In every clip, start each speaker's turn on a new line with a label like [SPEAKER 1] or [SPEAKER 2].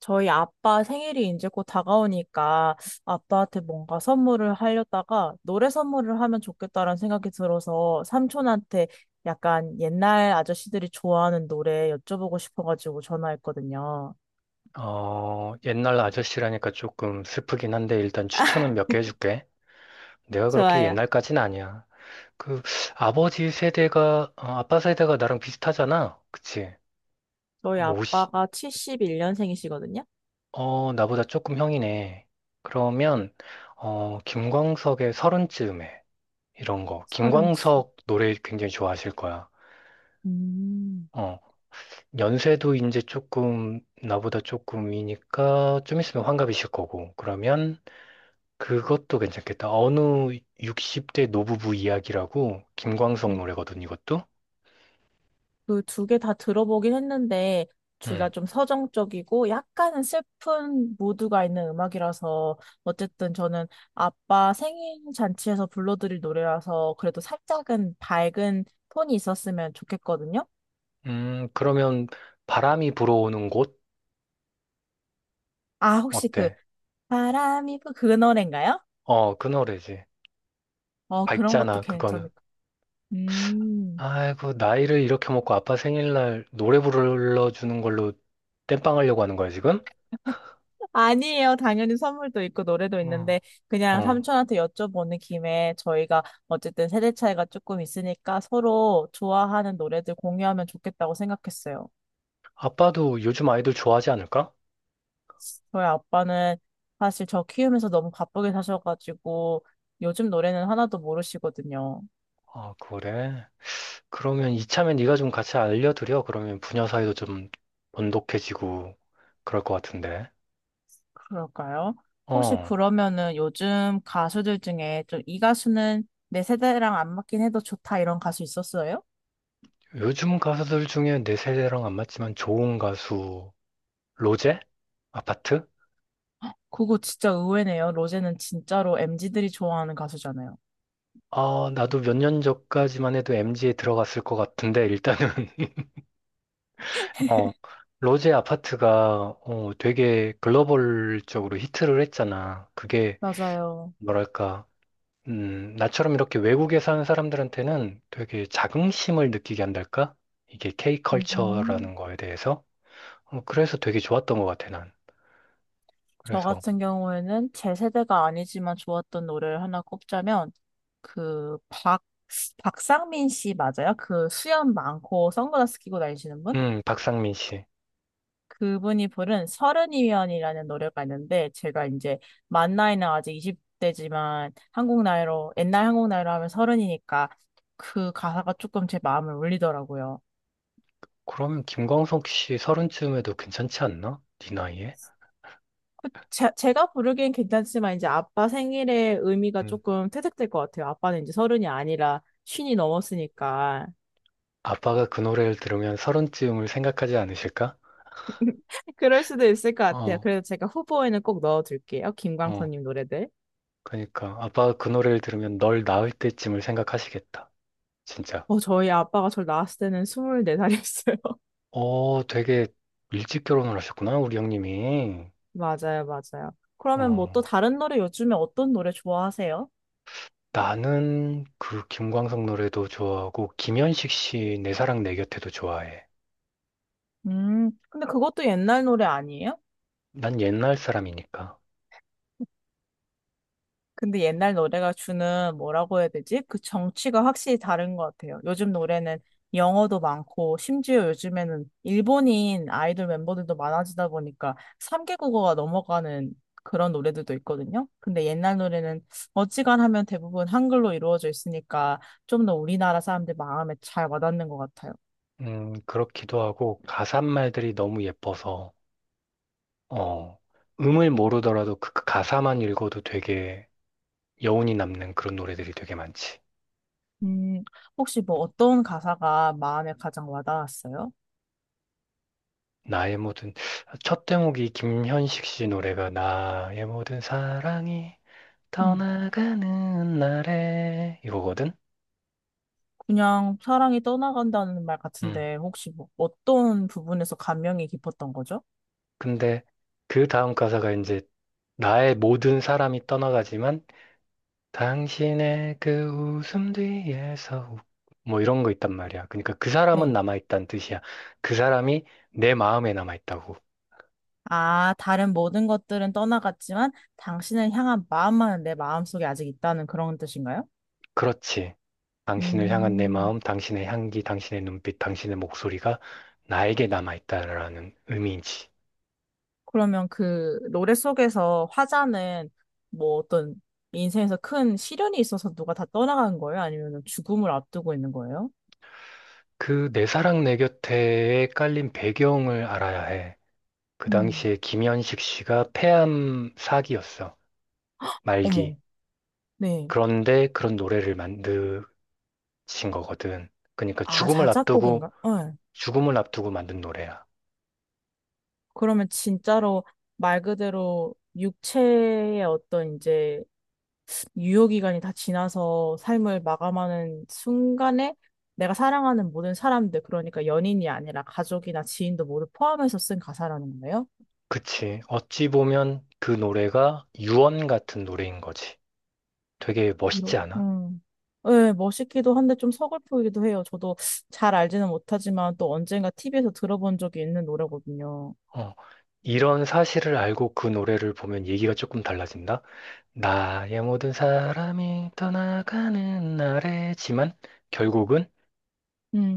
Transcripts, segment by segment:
[SPEAKER 1] 저희 아빠 생일이 이제 곧 다가오니까 아빠한테 뭔가 선물을 하려다가 노래 선물을 하면 좋겠다라는 생각이 들어서 삼촌한테 약간 옛날 아저씨들이 좋아하는 노래 여쭤보고 싶어가지고 전화했거든요.
[SPEAKER 2] 옛날 아저씨라니까 조금 슬프긴 한데 일단 추천은 몇 개 해줄게. 내가 그렇게 옛날까진 아니야. 그 아빠 세대가 나랑 비슷하잖아. 그치?
[SPEAKER 1] 저희
[SPEAKER 2] 50,
[SPEAKER 1] 아빠가 71년생이시거든요.
[SPEAKER 2] 나보다 조금 형이네. 그러면 김광석의 서른쯤에 이런 거.
[SPEAKER 1] 서른쯤.
[SPEAKER 2] 김광석 노래 굉장히 좋아하실 거야.
[SPEAKER 1] 음.
[SPEAKER 2] 어, 연세도 이제 조금 나보다 조금 이니까 좀 있으면 환갑이실 거고. 그러면 그것도 괜찮겠다. 어느 60대 노부부 이야기라고 김광석 노래거든, 이것도.
[SPEAKER 1] 그 두 개 다 들어보긴 했는데 둘 다
[SPEAKER 2] 음.
[SPEAKER 1] 좀 서정적이고 약간은 슬픈 모드가 있는 음악이라서 어쨌든 저는 아빠 생일 잔치에서 불러드릴 노래라서 그래도 살짝은 밝은 톤이 있었으면 좋겠거든요.
[SPEAKER 2] 그러면 바람이 불어오는 곳
[SPEAKER 1] 아, 혹시 그
[SPEAKER 2] 어때?
[SPEAKER 1] 그 노래인가요?
[SPEAKER 2] 어, 그 노래지.
[SPEAKER 1] 어, 그런 것도
[SPEAKER 2] 밝잖아, 그거는.
[SPEAKER 1] 괜찮을 것 같아요. 음.
[SPEAKER 2] 아이고, 나이를 이렇게 먹고 아빠 생일날 노래 불러주는 걸로 땜빵 하려고 하는 거야, 지금?
[SPEAKER 1] 아니에요. 당연히 선물도 있고 노래도
[SPEAKER 2] 어.
[SPEAKER 1] 있는데 그냥
[SPEAKER 2] 어.
[SPEAKER 1] 삼촌한테 여쭤보는 김에 저희가 어쨌든 세대 차이가 조금 있으니까 서로 좋아하는 노래들 공유하면 좋겠다고 생각했어요.
[SPEAKER 2] 아빠도 요즘 아이돌 좋아하지 않을까?
[SPEAKER 1] 저희 아빠는 사실 저 키우면서 너무 바쁘게 사셔가지고 요즘 노래는 하나도 모르시거든요.
[SPEAKER 2] 아, 그래. 그러면 이참에 네가 좀 같이 알려드려. 그러면 부녀 사이도 좀 돈독해지고 그럴 것 같은데.
[SPEAKER 1] 그럴까요? 혹시
[SPEAKER 2] 어,
[SPEAKER 1] 그러면은 요즘 가수들 중에 좀 이 가수는 내 세대랑 안 맞긴 해도 좋다 이런 가수 있었어요?
[SPEAKER 2] 요즘 가수들 중에 내 세대랑 안 맞지만 좋은 가수, 로제? 아파트?
[SPEAKER 1] 그거 진짜 의외네요. 로제는 진짜로 MZ들이 좋아하는 가수잖아요.
[SPEAKER 2] 아, 나도 몇 년 전까지만 해도 m z 에 들어갔을 것 같은데, 일단은, 어, 로제 아파트가, 되게 글로벌적으로 히트를 했잖아. 그게,
[SPEAKER 1] 맞아요.
[SPEAKER 2] 뭐랄까, 나처럼 이렇게 외국에 사는 사람들한테는 되게 자긍심을 느끼게 한달까? 이게
[SPEAKER 1] 음,
[SPEAKER 2] K컬처라는 거에 대해서. 그래서 되게 좋았던 것 같아, 난.
[SPEAKER 1] 저
[SPEAKER 2] 그래서,
[SPEAKER 1] 같은 경우에는 제 세대가 아니지만 좋았던 노래를 하나 꼽자면, 그, 박, 박상민 씨 맞아요? 그 수염 많고 선글라스 끼고 다니시는 분?
[SPEAKER 2] 박상민 씨.
[SPEAKER 1] 그분이 부른 서른이면이라는 노래가 있는데, 제가 이제 만 나이는 아직 20대지만 한국 나이로, 옛날 한국 나이로 하면 서른이니까 그 가사가 조금 제 마음을 울리더라고요.
[SPEAKER 2] 그러면 김광석 씨 서른쯤에도 괜찮지 않나? 네 나이에?
[SPEAKER 1] 제가 부르기엔 괜찮지만 이제 아빠 생일의 의미가
[SPEAKER 2] 음.
[SPEAKER 1] 조금 퇴색될 것 같아요. 아빠는 이제 서른이 아니라 쉰이 넘었으니까
[SPEAKER 2] 아빠가 그 노래를 들으면 서른쯤을 생각하지 않으실까?
[SPEAKER 1] 그럴 수도 있을 것 같아요.
[SPEAKER 2] 어,
[SPEAKER 1] 그래서 제가 후보에는 꼭 넣어둘게요.
[SPEAKER 2] 어.
[SPEAKER 1] 김광선님 노래들.
[SPEAKER 2] 그러니까 아빠가 그 노래를 들으면 널 낳을 때쯤을 생각하시겠다. 진짜.
[SPEAKER 1] 저희 아빠가 저를 낳았을 때는 24살이었어요.
[SPEAKER 2] 어, 되게 일찍 결혼을 하셨구나, 우리 형님이.
[SPEAKER 1] 맞아요, 맞아요. 그러면 뭐 또
[SPEAKER 2] 어.
[SPEAKER 1] 다른 노래 요즘에 어떤 노래 좋아하세요?
[SPEAKER 2] 나는 그 김광석 노래도 좋아하고 김현식 씨 내 사랑 내 곁에도 좋아해.
[SPEAKER 1] 근데 그것도 옛날 노래 아니에요?
[SPEAKER 2] 난 옛날 사람이니까.
[SPEAKER 1] 근데 옛날 노래가 주는 뭐라고 해야 되지? 그 정취가 확실히 다른 것 같아요. 요즘 노래는 영어도 많고, 심지어 요즘에는 일본인 아이돌 멤버들도 많아지다 보니까 3개국어가 넘어가는 그런 노래들도 있거든요. 근데 옛날 노래는 어지간하면 대부분 한글로 이루어져 있으니까 좀 더 우리나라 사람들 마음에 잘 와닿는 것 같아요.
[SPEAKER 2] 그렇기도 하고 가사 말들이 너무 예뻐서 어, 음을 모르더라도 그그 가사만 읽어도 되게 여운이 남는 그런 노래들이 되게 많지.
[SPEAKER 1] 음, 혹시 뭐 어떤 가사가 마음에 가장 와닿았어요?
[SPEAKER 2] 나의 모든, 첫 대목이 김현식 씨 노래가 나의 모든 사랑이
[SPEAKER 1] 음.
[SPEAKER 2] 떠나가는 날에 이거거든?
[SPEAKER 1] 그냥 사랑이 떠나간다는 말
[SPEAKER 2] 음.
[SPEAKER 1] 같은데, 혹시 뭐 어떤 부분에서 감명이 깊었던 거죠?
[SPEAKER 2] 근데 그 다음 가사가 이제 나의 모든 사람이 떠나가지만 당신의 그 웃음 뒤에서 뭐 이런 거 있단 말이야. 그러니까 그 사람은
[SPEAKER 1] 네.
[SPEAKER 2] 남아있다는 뜻이야. 그 사람이 내 마음에 남아있다고.
[SPEAKER 1] 아, 다른 모든 것들은 떠나갔지만 당신을 향한 마음만은 내 마음속에 아직 있다는 그런 뜻인가요?
[SPEAKER 2] 그렇지. 당신을 향한 내
[SPEAKER 1] 음,
[SPEAKER 2] 마음, 당신의 향기, 당신의 눈빛, 당신의 목소리가 나에게 남아있다라는 의미인지.
[SPEAKER 1] 그러면 그 노래 속에서 화자는 뭐 어떤 인생에서 큰 시련이 있어서 누가 다 떠나간 거예요? 아니면 죽음을 앞두고 있는 거예요?
[SPEAKER 2] 그 내 사랑 내 곁에에 깔린 배경을 알아야 해. 그
[SPEAKER 1] 음.
[SPEAKER 2] 당시에 김현식 씨가 폐암 사기였어. 말기.
[SPEAKER 1] 어머, 네.
[SPEAKER 2] 그런데 그런 노래를 만드신 거거든. 그러니까
[SPEAKER 1] 아,
[SPEAKER 2] 죽음을 앞두고,
[SPEAKER 1] 자작곡인가? 네.
[SPEAKER 2] 죽음을 앞두고 만든 노래야.
[SPEAKER 1] 그러면 진짜로 말 그대로 육체의 어떤 이제 유효기간이 다 지나서 삶을 마감하는 순간에 내가 사랑하는 모든 사람들, 그러니까 연인이 아니라 가족이나 지인도 모두 포함해서 쓴 가사라는 거예요?
[SPEAKER 2] 그치. 어찌 보면 그 노래가 유언 같은 노래인 거지. 되게 멋있지
[SPEAKER 1] 이렇게,
[SPEAKER 2] 않아?
[SPEAKER 1] 네, 멋있기도 한데 좀 서글프기도 해요. 저도 잘 알지는 못하지만 또 언젠가 TV에서 들어본 적이 있는 노래거든요.
[SPEAKER 2] 어, 이런 사실을 알고 그 노래를 보면 얘기가 조금 달라진다. 나의 모든 사람이 떠나가는 날에지만 결국은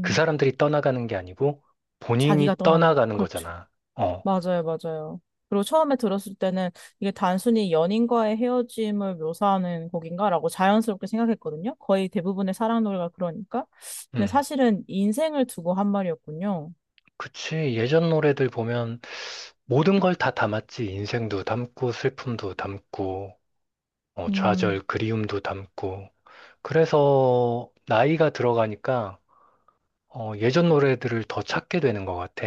[SPEAKER 2] 그 사람들이 떠나가는 게 아니고
[SPEAKER 1] 자기가
[SPEAKER 2] 본인이
[SPEAKER 1] 떠나는,
[SPEAKER 2] 떠나가는
[SPEAKER 1] 그렇죠.
[SPEAKER 2] 거잖아. 어,
[SPEAKER 1] 맞아요, 맞아요. 그리고 처음에 들었을 때는 이게 단순히 연인과의 헤어짐을 묘사하는 곡인가라고 자연스럽게 생각했거든요. 거의 대부분의 사랑 노래가 그러니까. 근데
[SPEAKER 2] 음.
[SPEAKER 1] 사실은 인생을 두고 한 말이었군요.
[SPEAKER 2] 그치. 예전 노래들 보면 모든 걸 다 담았지. 인생도 담고 슬픔도 담고
[SPEAKER 1] 음,
[SPEAKER 2] 좌절, 그리움도 담고. 그래서 나이가 들어가니까 예전 노래들을 더 찾게 되는 것 같아.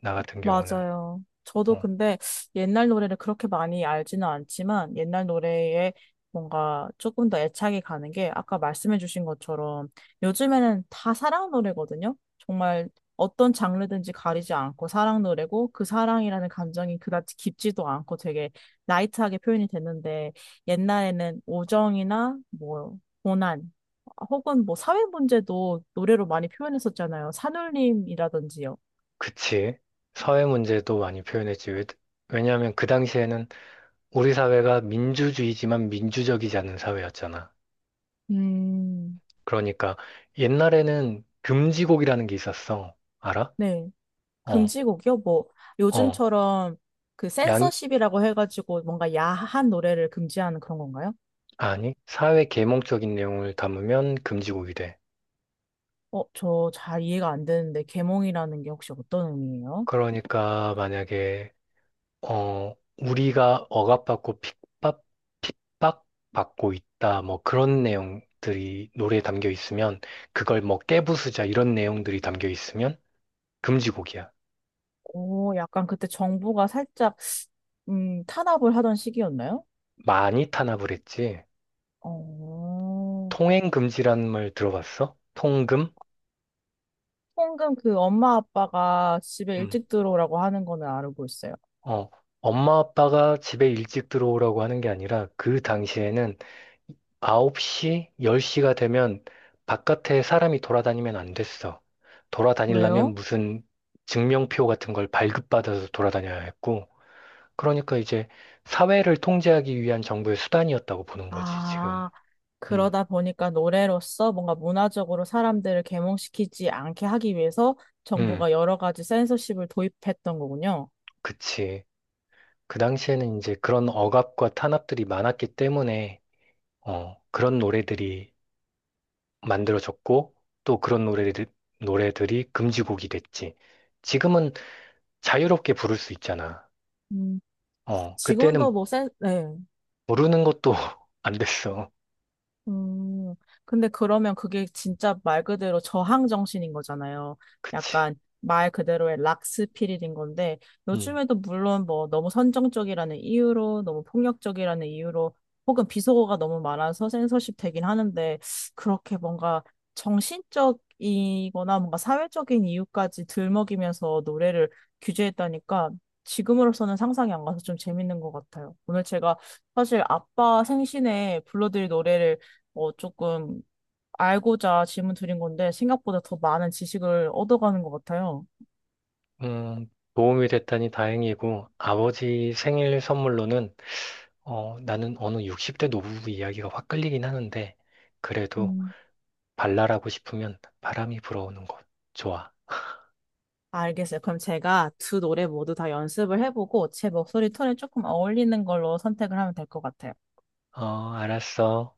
[SPEAKER 2] 나 같은 경우는.
[SPEAKER 1] 맞아요. 저도
[SPEAKER 2] 어,
[SPEAKER 1] 근데 옛날 노래를 그렇게 많이 알지는 않지만 옛날 노래에 뭔가 조금 더 애착이 가는 게 아까 말씀해주신 것처럼 요즘에는 다 사랑 노래거든요. 정말 어떤 장르든지 가리지 않고 사랑 노래고 그 사랑이라는 감정이 그다지 깊지도 않고 되게 라이트하게 표현이 됐는데 옛날에는 오정이나 뭐 고난 혹은 뭐 사회 문제도 노래로 많이 표현했었잖아요. 산울림이라든지요.
[SPEAKER 2] 그치. 사회 문제도 많이 표현했지. 왜냐하면 그 당시에는 우리 사회가 민주주의지만 민주적이지 않은 사회였잖아.
[SPEAKER 1] 음.
[SPEAKER 2] 그러니까 옛날에는 금지곡이라는 게 있었어. 알아?
[SPEAKER 1] 네.
[SPEAKER 2] 어,
[SPEAKER 1] 금지곡이요? 뭐,
[SPEAKER 2] 어.
[SPEAKER 1] 요즘처럼 그
[SPEAKER 2] 양,
[SPEAKER 1] 센서십이라고 해가지고 뭔가 야한 노래를 금지하는 그런 건가요?
[SPEAKER 2] 아니, 사회 계몽적인 내용을 담으면 금지곡이 돼.
[SPEAKER 1] 저 잘 이해가 안 되는데, 계몽이라는 게 혹시 어떤 의미예요?
[SPEAKER 2] 그러니까 만약에 우리가 억압받고 핍박받고 있다. 뭐 그런 내용들이 노래에 담겨 있으면 그걸 뭐 깨부수자 이런 내용들이 담겨 있으면 금지곡이야.
[SPEAKER 1] 오, 약간 그때 정부가 살짝, 탄압을 하던 시기였나요?
[SPEAKER 2] 많이 탄압을 했지.
[SPEAKER 1] 어,
[SPEAKER 2] 통행금지라는 말 들어봤어? 통금?
[SPEAKER 1] 홍금 그 엄마 아빠가 집에
[SPEAKER 2] 음.
[SPEAKER 1] 일찍 들어오라고 하는 거는 알고 있어요.
[SPEAKER 2] 어, 엄마 아빠가 집에 일찍 들어오라고 하는 게 아니라 그 당시에는 9시, 10시가 되면 바깥에 사람이 돌아다니면 안 됐어. 돌아다니려면
[SPEAKER 1] 왜요?
[SPEAKER 2] 무슨 증명표 같은 걸 발급받아서 돌아다녀야 했고, 그러니까 이제 사회를 통제하기 위한 정부의 수단이었다고 보는 거지, 지금.
[SPEAKER 1] 아,
[SPEAKER 2] 음,
[SPEAKER 1] 그러다 보니까 노래로서 뭔가 문화적으로 사람들을 계몽시키지 않게 하기 위해서
[SPEAKER 2] 음,
[SPEAKER 1] 정부가 여러 가지 센서십을 도입했던 거군요.
[SPEAKER 2] 그치. 그 당시에는 이제 그런 억압과 탄압들이 많았기 때문에, 그런 노래들이 만들어졌고, 또 그런 노래들이 금지곡이 됐지. 지금은 자유롭게 부를 수 있잖아.
[SPEAKER 1] 음, 지금도
[SPEAKER 2] 그때는
[SPEAKER 1] 뭐 네.
[SPEAKER 2] 모르는 것도 안 됐어.
[SPEAKER 1] 음, 근데 그러면 그게 진짜 말 그대로 저항 정신인 거잖아요.
[SPEAKER 2] 그치.
[SPEAKER 1] 약간 말 그대로의 락스피릿인 건데,
[SPEAKER 2] 음,
[SPEAKER 1] 요즘에도 물론 뭐 너무 선정적이라는 이유로, 너무 폭력적이라는 이유로, 혹은 비속어가 너무 많아서 censorship 되긴 하는데, 그렇게 뭔가 정신적이거나 뭔가 사회적인 이유까지 들먹이면서 노래를 규제했다니까, 지금으로서는 상상이 안 가서 좀 재밌는 것 같아요. 오늘 제가 사실 아빠 생신에 불러드릴 노래를 조금 알고자 질문 드린 건데 생각보다 더 많은 지식을 얻어가는 것 같아요.
[SPEAKER 2] 도움이 됐다니 다행이고, 아버지 생일 선물로는, 나는 어느 60대 노부부 이야기가 확 끌리긴 하는데, 그래도
[SPEAKER 1] 음.
[SPEAKER 2] 발랄하고 싶으면 바람이 불어오는 곳. 좋아.
[SPEAKER 1] 알겠어요. 그럼 제가 두 노래 모두 다 연습을 해보고 제 목소리 톤에 조금 어울리는 걸로 선택을 하면 될 것 같아요.
[SPEAKER 2] 어, 알았어.